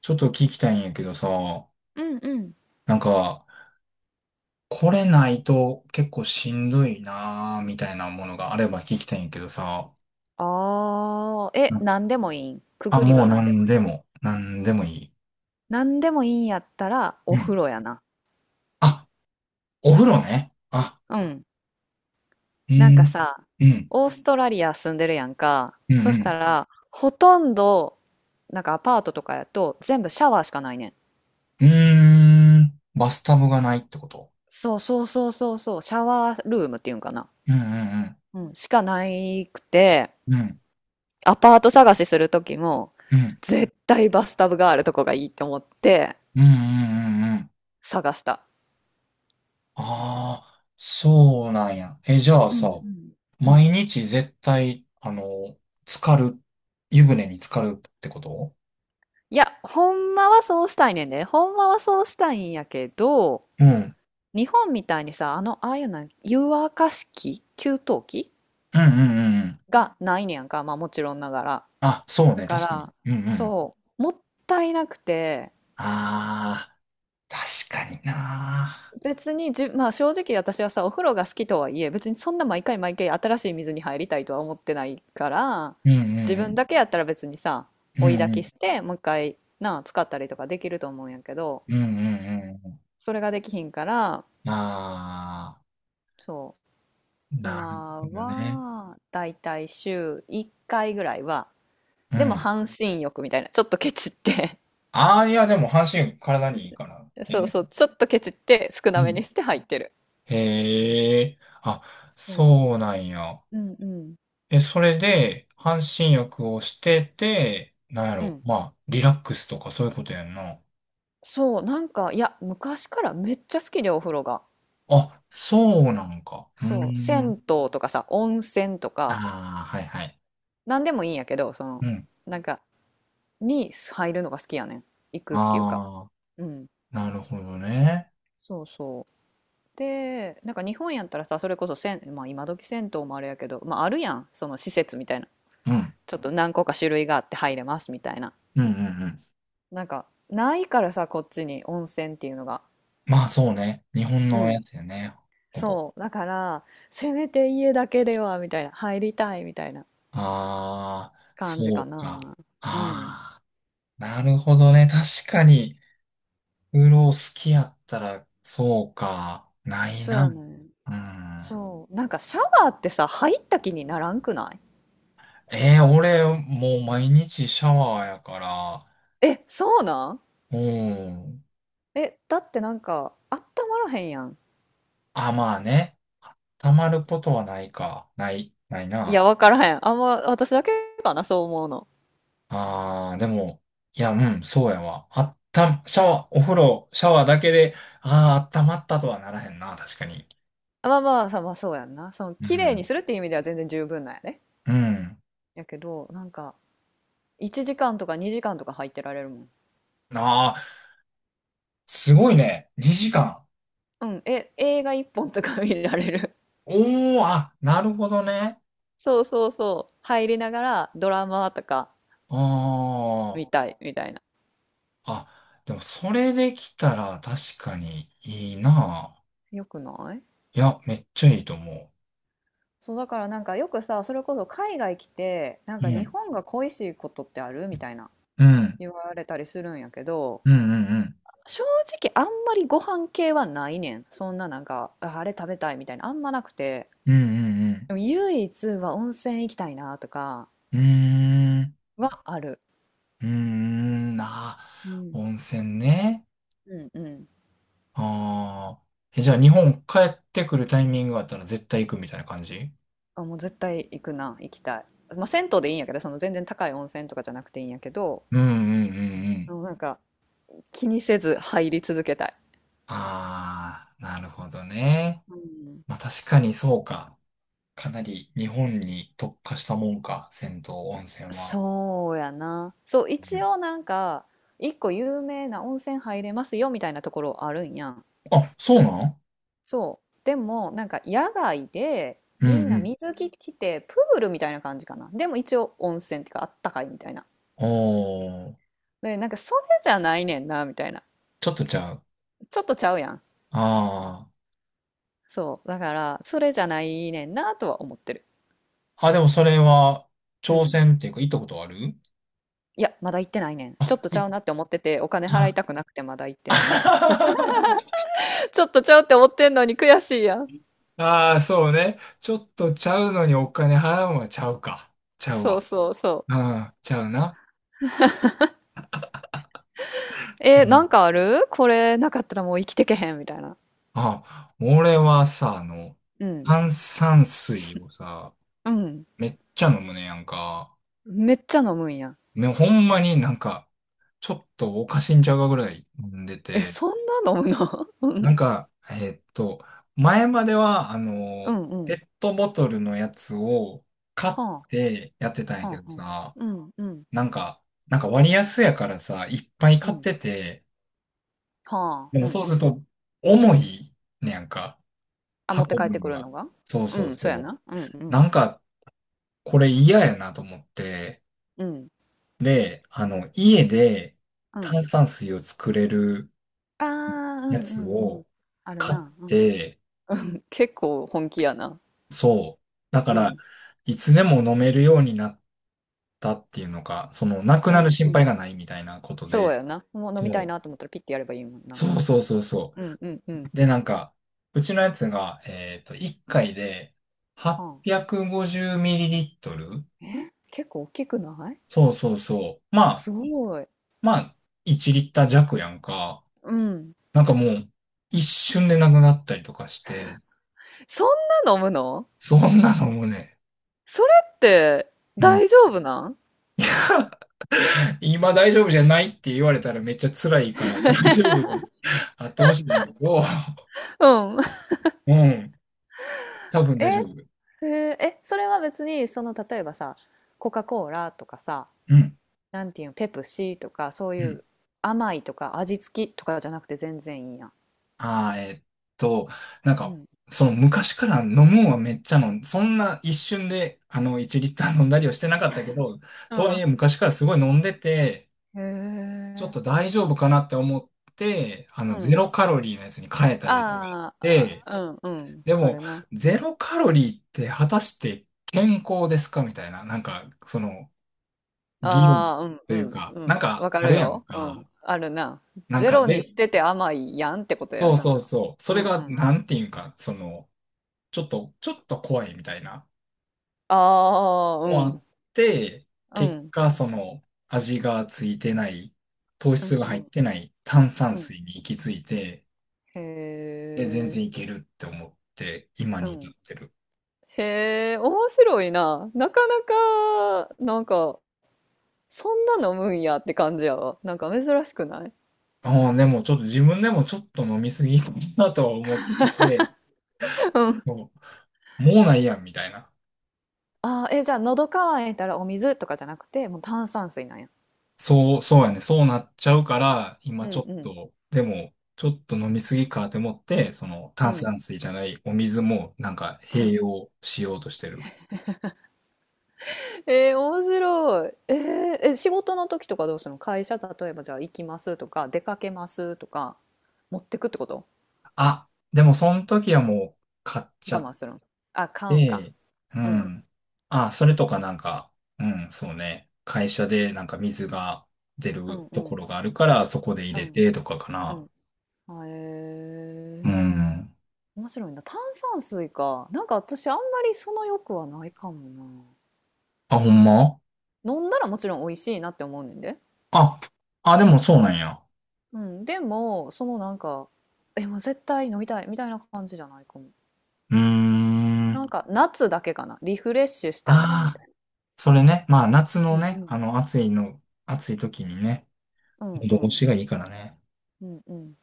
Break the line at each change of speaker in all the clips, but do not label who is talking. ちょっと聞きたいんやけどさ、
うんうん。
なんか、これないと結構しんどいなーみたいなものがあれば聞きたいんやけどさ、
ああ、
う
え、
ん。
なんでもいいん。く
あ、
ぐり
も
は
う
なんでも
何
い
で
い。
も、何でもいい。
なんでもいいんやったら
う
お風
ん。
呂やな。
あ、お風呂ね。あ、
うん。
う
なんか
ん、
さ、
うん、
オーストラリア住んでるやんか。
うん、
そ
う
した
ん。
ら、ほとんど、なんかアパートとかやと全部シャワーしかないねん。
うーん、バスタブがないってこと？
そうそうそうそうそう、シャワールームっていうんかな。
うん、うん、
うん、しかないくて、
うん、うん、
アパート探しする時も、
うん、
絶対バスタブがあるとこがいいと思って
うん、うん、うん、うん、うん。
探した。
ああ、そうなんや。え、じゃあ
う
さ、
んうん。うん。
毎日絶対、あの、浸かる、湯船に浸かるってこと？
いや、ほんまはそうしたいねんで。ほんまはそうしたいんやけど、
うん。うん
日本みたいにさ、ああいうな湯沸かし器、給湯器
うんうんうん。
がないねやんか。まあもちろんながら。
あ、そう
だ
ね、
か
確かに。
ら、
うんうん。
そう、もったいなくて、
ああ、確かにな。
別にじ、まあ正直私はさ、お風呂が好きとはいえ、別にそんな毎回毎回新しい水に入りたいとは思ってないから、
うんう
自分
ん
だけやったら別にさ、
うん。
追い
うん
焚
う
き
ん。
して、もう一回、なあ、使ったりとかできると思うんやけど、
うんうんう
それができひんから、
ん。ああ、
そう。
なる
今
ほどね。
は、だいたい週1回ぐらいは、
う
でも
ん。
半身浴みたいな、ちょっとケチって
ああ、いや、でも半身体にいいから。
そう
え、
そう、ちょっとケチって少な
う
め
ん。
にして入ってる。
へえ、あ、
そ
そうなんや。
う。うんうん。
え、それで、半身浴をしてて、なんや
う
ろ、
ん。
まあ、リラックスとかそういうことやんな。
そう、なんか、いや、昔からめっちゃ好きで、お風呂が。
あ、そうなんか。うー
そう、銭
ん。
湯とかさ、温泉と
あ
か、
あ、はいはい。
なんでもいいんやけど、その、
うん。
なんか、に入るのが好きやねん。行くっていうか。
ああ、
うん。
なるほどね。
そうそう。でなんか日本やったらさ、それこそまあ、今時銭湯もあれやけど、まあ、あるやん、その施設みたいな、
うん。
ちょっと何個か種類があって入れますみたいな、
うんうんうん。
なんかないからさ、こっちに温泉っていうのが。
まあそうね。日本
う
のや
ん。
つやね。ほぼ。
そうだから、せめて家だけではみたいな、入りたいみたいな
ああ、
感じ
そ
か
う
な。
か。
うん。
ああ、なるほどね。確かに、うろ好きやったら、そうか。ない
そう
な。
やね。
うん。
そう、なんかシャワーってさ、入った気にならんくない？
俺、もう毎日シャワーやから、
え、そうなん？
うん。
え、だってなんかあったまらへんやん。
あ、まあね。溜まることはないか。ない
いや、
な。
わからへん。あんま、私だけかな、そう思うの。
あー、でも、いや、うん、そうやわ。あった、シャワー、お風呂、シャワーだけで、あー、温まったとはならへんな、確かに。
あ、まあまあ、さ、まあそうやんな。その、
う
綺麗に
ん。
するっていう意味では全然十分なんやね。
うん。
やけど、なんか、1時間とか2時間とか入ってられるもん。
あー、すごいね。2時間。
うん、え、映画1本とか見られる。
おー、あ、なるほどね。
そうそうそう。入りながらドラマとか
あー、
見たいみたいな。
あ、でもそれできたら確かにいいな。
よくない？
いや、めっちゃいいと思
そう、だからなんかよくさ、それこそ海外来て、なん
う。う
か日
ん。
本が恋しいことってあるみたいな、
うん。
言われたりするんやけど、
うんうんうん。
正直あんまりご飯系はないねん。そんななんか、あ、あれ食べたいみたいな、あんまなくて。
うんうん
でも唯一は温泉行きたいなとか
うん。うーん。
はある。
うーん。なあ、
うん。
温泉ね。
うんうん。
ああ。え、じゃあ日本帰ってくるタイミングがあったら絶対行くみたいな感じ？
あ、もう絶対行くな、行きたい。まあ、銭湯でいいんやけど、その全然高い温泉とかじゃなくていいんやけど、
うんうんうんう
あ
ん。
のなんか気にせず入り続けたい。
ああ、なるほどね。
うん。
まあ確かにそうか。かなり日本に特化したもんか、銭湯温泉は。
そうやな。そう、
う
一
ん。
応なんか、一個有名な温泉入れますよみたいなところあるんやん。
あ、そうなん？
そう。でも、なんか野外で、
うんう
みんな
ん。
水着着て、プールみたいな感じかな。でも一応温泉っていうか、あったかいみたいな。
おー、
で、なんかそれじゃないねんな、みたいな。
ちょっとじゃあ、
ちょっとちゃうやん。
ああ。
そう。だから、それじゃないねんな、とは思ってる。
あ、でもそれは、
う
挑
ん。
戦っていうか、行ったことある？
いや、まだ行ってないねん。ちょっとち
い
ゃうなって思ってて、お金払い
あ
たくなくてまだ行ってない。ちょっとちゃうって思ってんのに悔しいやん。
あー、そうね。ちょっとちゃうのにお金払うのはちゃうか。ちゃう
そう
わ。
そうそ
う
う。
ん、ちゃうな。う
な
ん。
んかあるこれなかったらもう生きてけへん、みたいな。
あ、俺はさ、あの、
うん。
炭酸水をさ、
うん。
めっちゃ飲むねやんか。
めっちゃ飲むんやん。
ね、ほんまになんか、ちょっとおかしいんちゃうかぐらい飲んで
え、
て。
そんな飲むの？う
なん
ん。
か、前までは、
うんう
ペ
ん。
ットボトルのやつを買っ
は
てやってたん
あ、
やけ
は
ど
あはあ。
さ、
うんうん、
なんか、なんか、割安やからさ、いっぱい
う
買っ
ん。
てて、
はあ、
で
う
も
ん
そう
うん
す
う
る
ん。
と重いねやんか、
あ、持って
運
帰って
ぶ
く
の
る
が。
のが？
そう
う
そう
ん、そうや
そう。
な。うんうん。
なんか、これ嫌やなと思って、
うん、
で、家で
うん。
炭酸水を作れる
ああ、う
や
ん
つ
うんうん。
を
ある
買っ
な。うん。
て、
結構本気やな。
そう。だか
う
ら、
ん。
いつでも飲めるようになったっていうのか、その、なく
う
なる
んう
心
ん。
配がないみたいなこと
そう
で、
やな。もう飲
そ
みたい
う。
なと思ったらピッてやればいいもんな。
そうそうそうそ
うんうんうん。
う。で、なんか、うちのやつが、1回で
は
850ml？
あ。え、結構大きくない？
そうそうそう。ま
す
あ、
ごい。
まあ、1リッター弱やんか。
うん。
なんかもう、一瞬でなくなったりとかして、
そんな飲むの？
そんなのもね、
それって
うん。
大丈夫なん？
今大丈夫じゃないって言われたらめっちゃ辛いから、大丈夫であってほしいねんだけど、
うん。
うん、多 分
え、
大丈
へ
夫。
え、え、それは別にその例えばさ、コカ・コーラとかさ、
うん、
なんていうの、ペプシとかそう
う
い
ん。
う甘いとか味付きとかじゃなくて全然いいやん。
ああ、と、なん
う
か、
ん。
その昔から飲むんはめっちゃ飲ん、そんな一瞬で、1リッター飲んだりはしてなかったけど、
う
とは
ん。
いえ昔からすごい飲んでて、
へ
ちょっ
え、
と大丈夫かなって思って、
う
ゼ
ん。
ロカロリーのやつに変えた時期があっ
あーあ、
て、
あ、うん、うん、
で
あ
も、
るな。う
ゼ
ん。
ロカロリーって果たして健康ですかみたいな、なんか、その、議論
ああ、うん、
と
う
いう
ん、
か、
う
なん
ん。
か
わか
あ
る
るやん
よ。うん、
か。
あるな。
なん
ゼ
か
ロに
で、
してて甘いやんってことや
そ
ん
う
な。
そうそう。そ
う
れ
ん、う
が、
ん。
なんていうんか、その、ちょっと怖いみたいな。
ああ、う
もあ
ん、
って、
う
結
ん、
果、その、味がついてない、糖
う
質
ん、
が
う
入っ
ん、
てない炭酸
うん。
水に行き着いて、
へ
で、全
え、
然いけるって思って、今
う
に至っ
ん。
てる。
へえ、面白いな。なかなか、なんか、そんな飲むんやって感じやわ。なんか珍しくない？
ああ、でもちょっと自分でもちょっと飲みすぎたなとは思ってて、
うん。
ももうないやんみたいな。
あー、え、じゃあ、喉乾いたらお水とかじゃなくて、もう炭酸水なんや。
そう、そうやね。そうなっちゃうから、
う
今
ん
ちょっ
うん
と、でも、ちょっと飲みすぎかって思って、その
う
炭
ん。
酸水じゃないお水もなんか
う
併
ん、
用しようとしてる。
面白い。え、仕事の時とかどうするの、会社、例えばじゃあ行きますとか、出かけますとか、持ってくってこと？
あ、でもその時はもう買っち
我
ゃっ
慢するの？あ、買うんか。
て、う
うん。
ん。あ、それとかなんか、うん、そうね。会社でなんか水が出
う
る
んう
と
ん。
ころがあるから、そこで入
う
れ
ん
てとかか
う
な。
ん。へ
う
え。
ん。
面白いな。炭酸水か。なんか私あんまりその欲はないかもな。
あ、ほんま
飲んだらもちろん美味しいなって思うねんで。
あ、あ、でもそうなんや。
うん。でも、そのなんか、え、もう絶対飲みたいみたいな感じじゃないかも。
うーん。あ
なんか夏だけかな。リフレッシュしたいなみた
あ。
い、
それね、まあ夏
う
の
んう
ね、
ん、
あの暑いの、暑い時にね、
な。うんう
喉越
ん。
しがいいからね。
うんうん。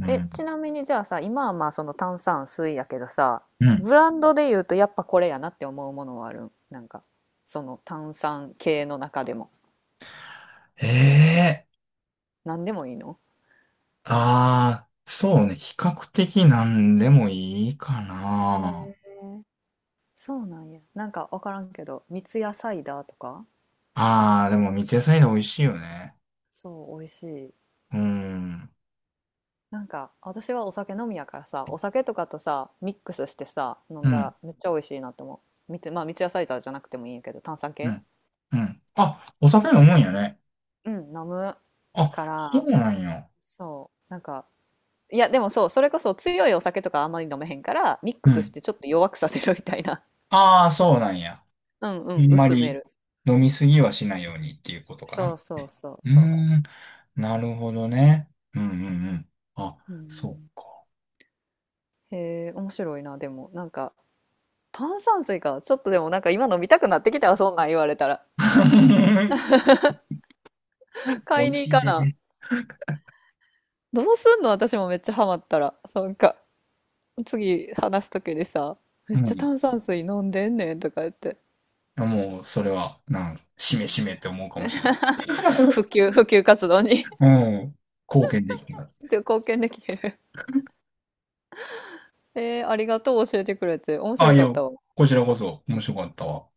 う
え、
ん。
ちなみにじゃあさ、今はまあその炭酸水やけどさ、
うん。
ブランドで言うとやっぱこれやなって思うものはあるん？なんか、その炭酸系の中でも。
ええ。
何でもいいの？
ああー、そうね、比較的なんでもいいか
へ
な。
え。そうなんや。なんかわからんけど、三ツ矢サイダーとか、
ああ、でも三ツ矢サイダー美味しいよね。
そう、美味しい。
うん。
なんか私はお酒飲みやからさ、お酒とかとさ、ミックスしてさ、飲
う
んだら
ん。
めっちゃ美味しいなと思う。まあ三ツ矢サイダーじゃなくてもいいんやけど、炭酸
う
系。
ん。うん。あ、お酒飲むんやね。
うん、飲むか
あ、そ
ら、
うなんや。
そう、なんか、いや、でもそう、それこそ強いお酒とかあんまり飲めへんから、ミッ
う
クスし
ん。
てちょっと弱くさせるみたいな。
ああ、そうなんや。
うんう
あ
ん、
んま
薄め
り
る。
飲みすぎはしないようにっていうことか
そ
な。
うそうそう
う
そ
ーん。なるほどね。うんうんうん。あ、
う。う
そう
ん、
か。
へえ、面白いな、でも、なんか、炭酸水か。ちょっとでもなんか今飲みたくなってきたわ、そんなん言われたら。
美
買い
味
に行
しい
か
で。
な。どうすんの私もめっちゃハマったら。なんか、次話す時にさ、め
う
っちゃ
ん。
炭酸水飲んでんねんとか言って。
あもう、それは、しめしめって思うかもしれない。
普及活動に
うん。貢献できな
ちょっと 貢献できてる。ありがとう教えてくれて。面
たな。あ、
白
い
か
や、
ったわ。
こちらこそ面白かったわ。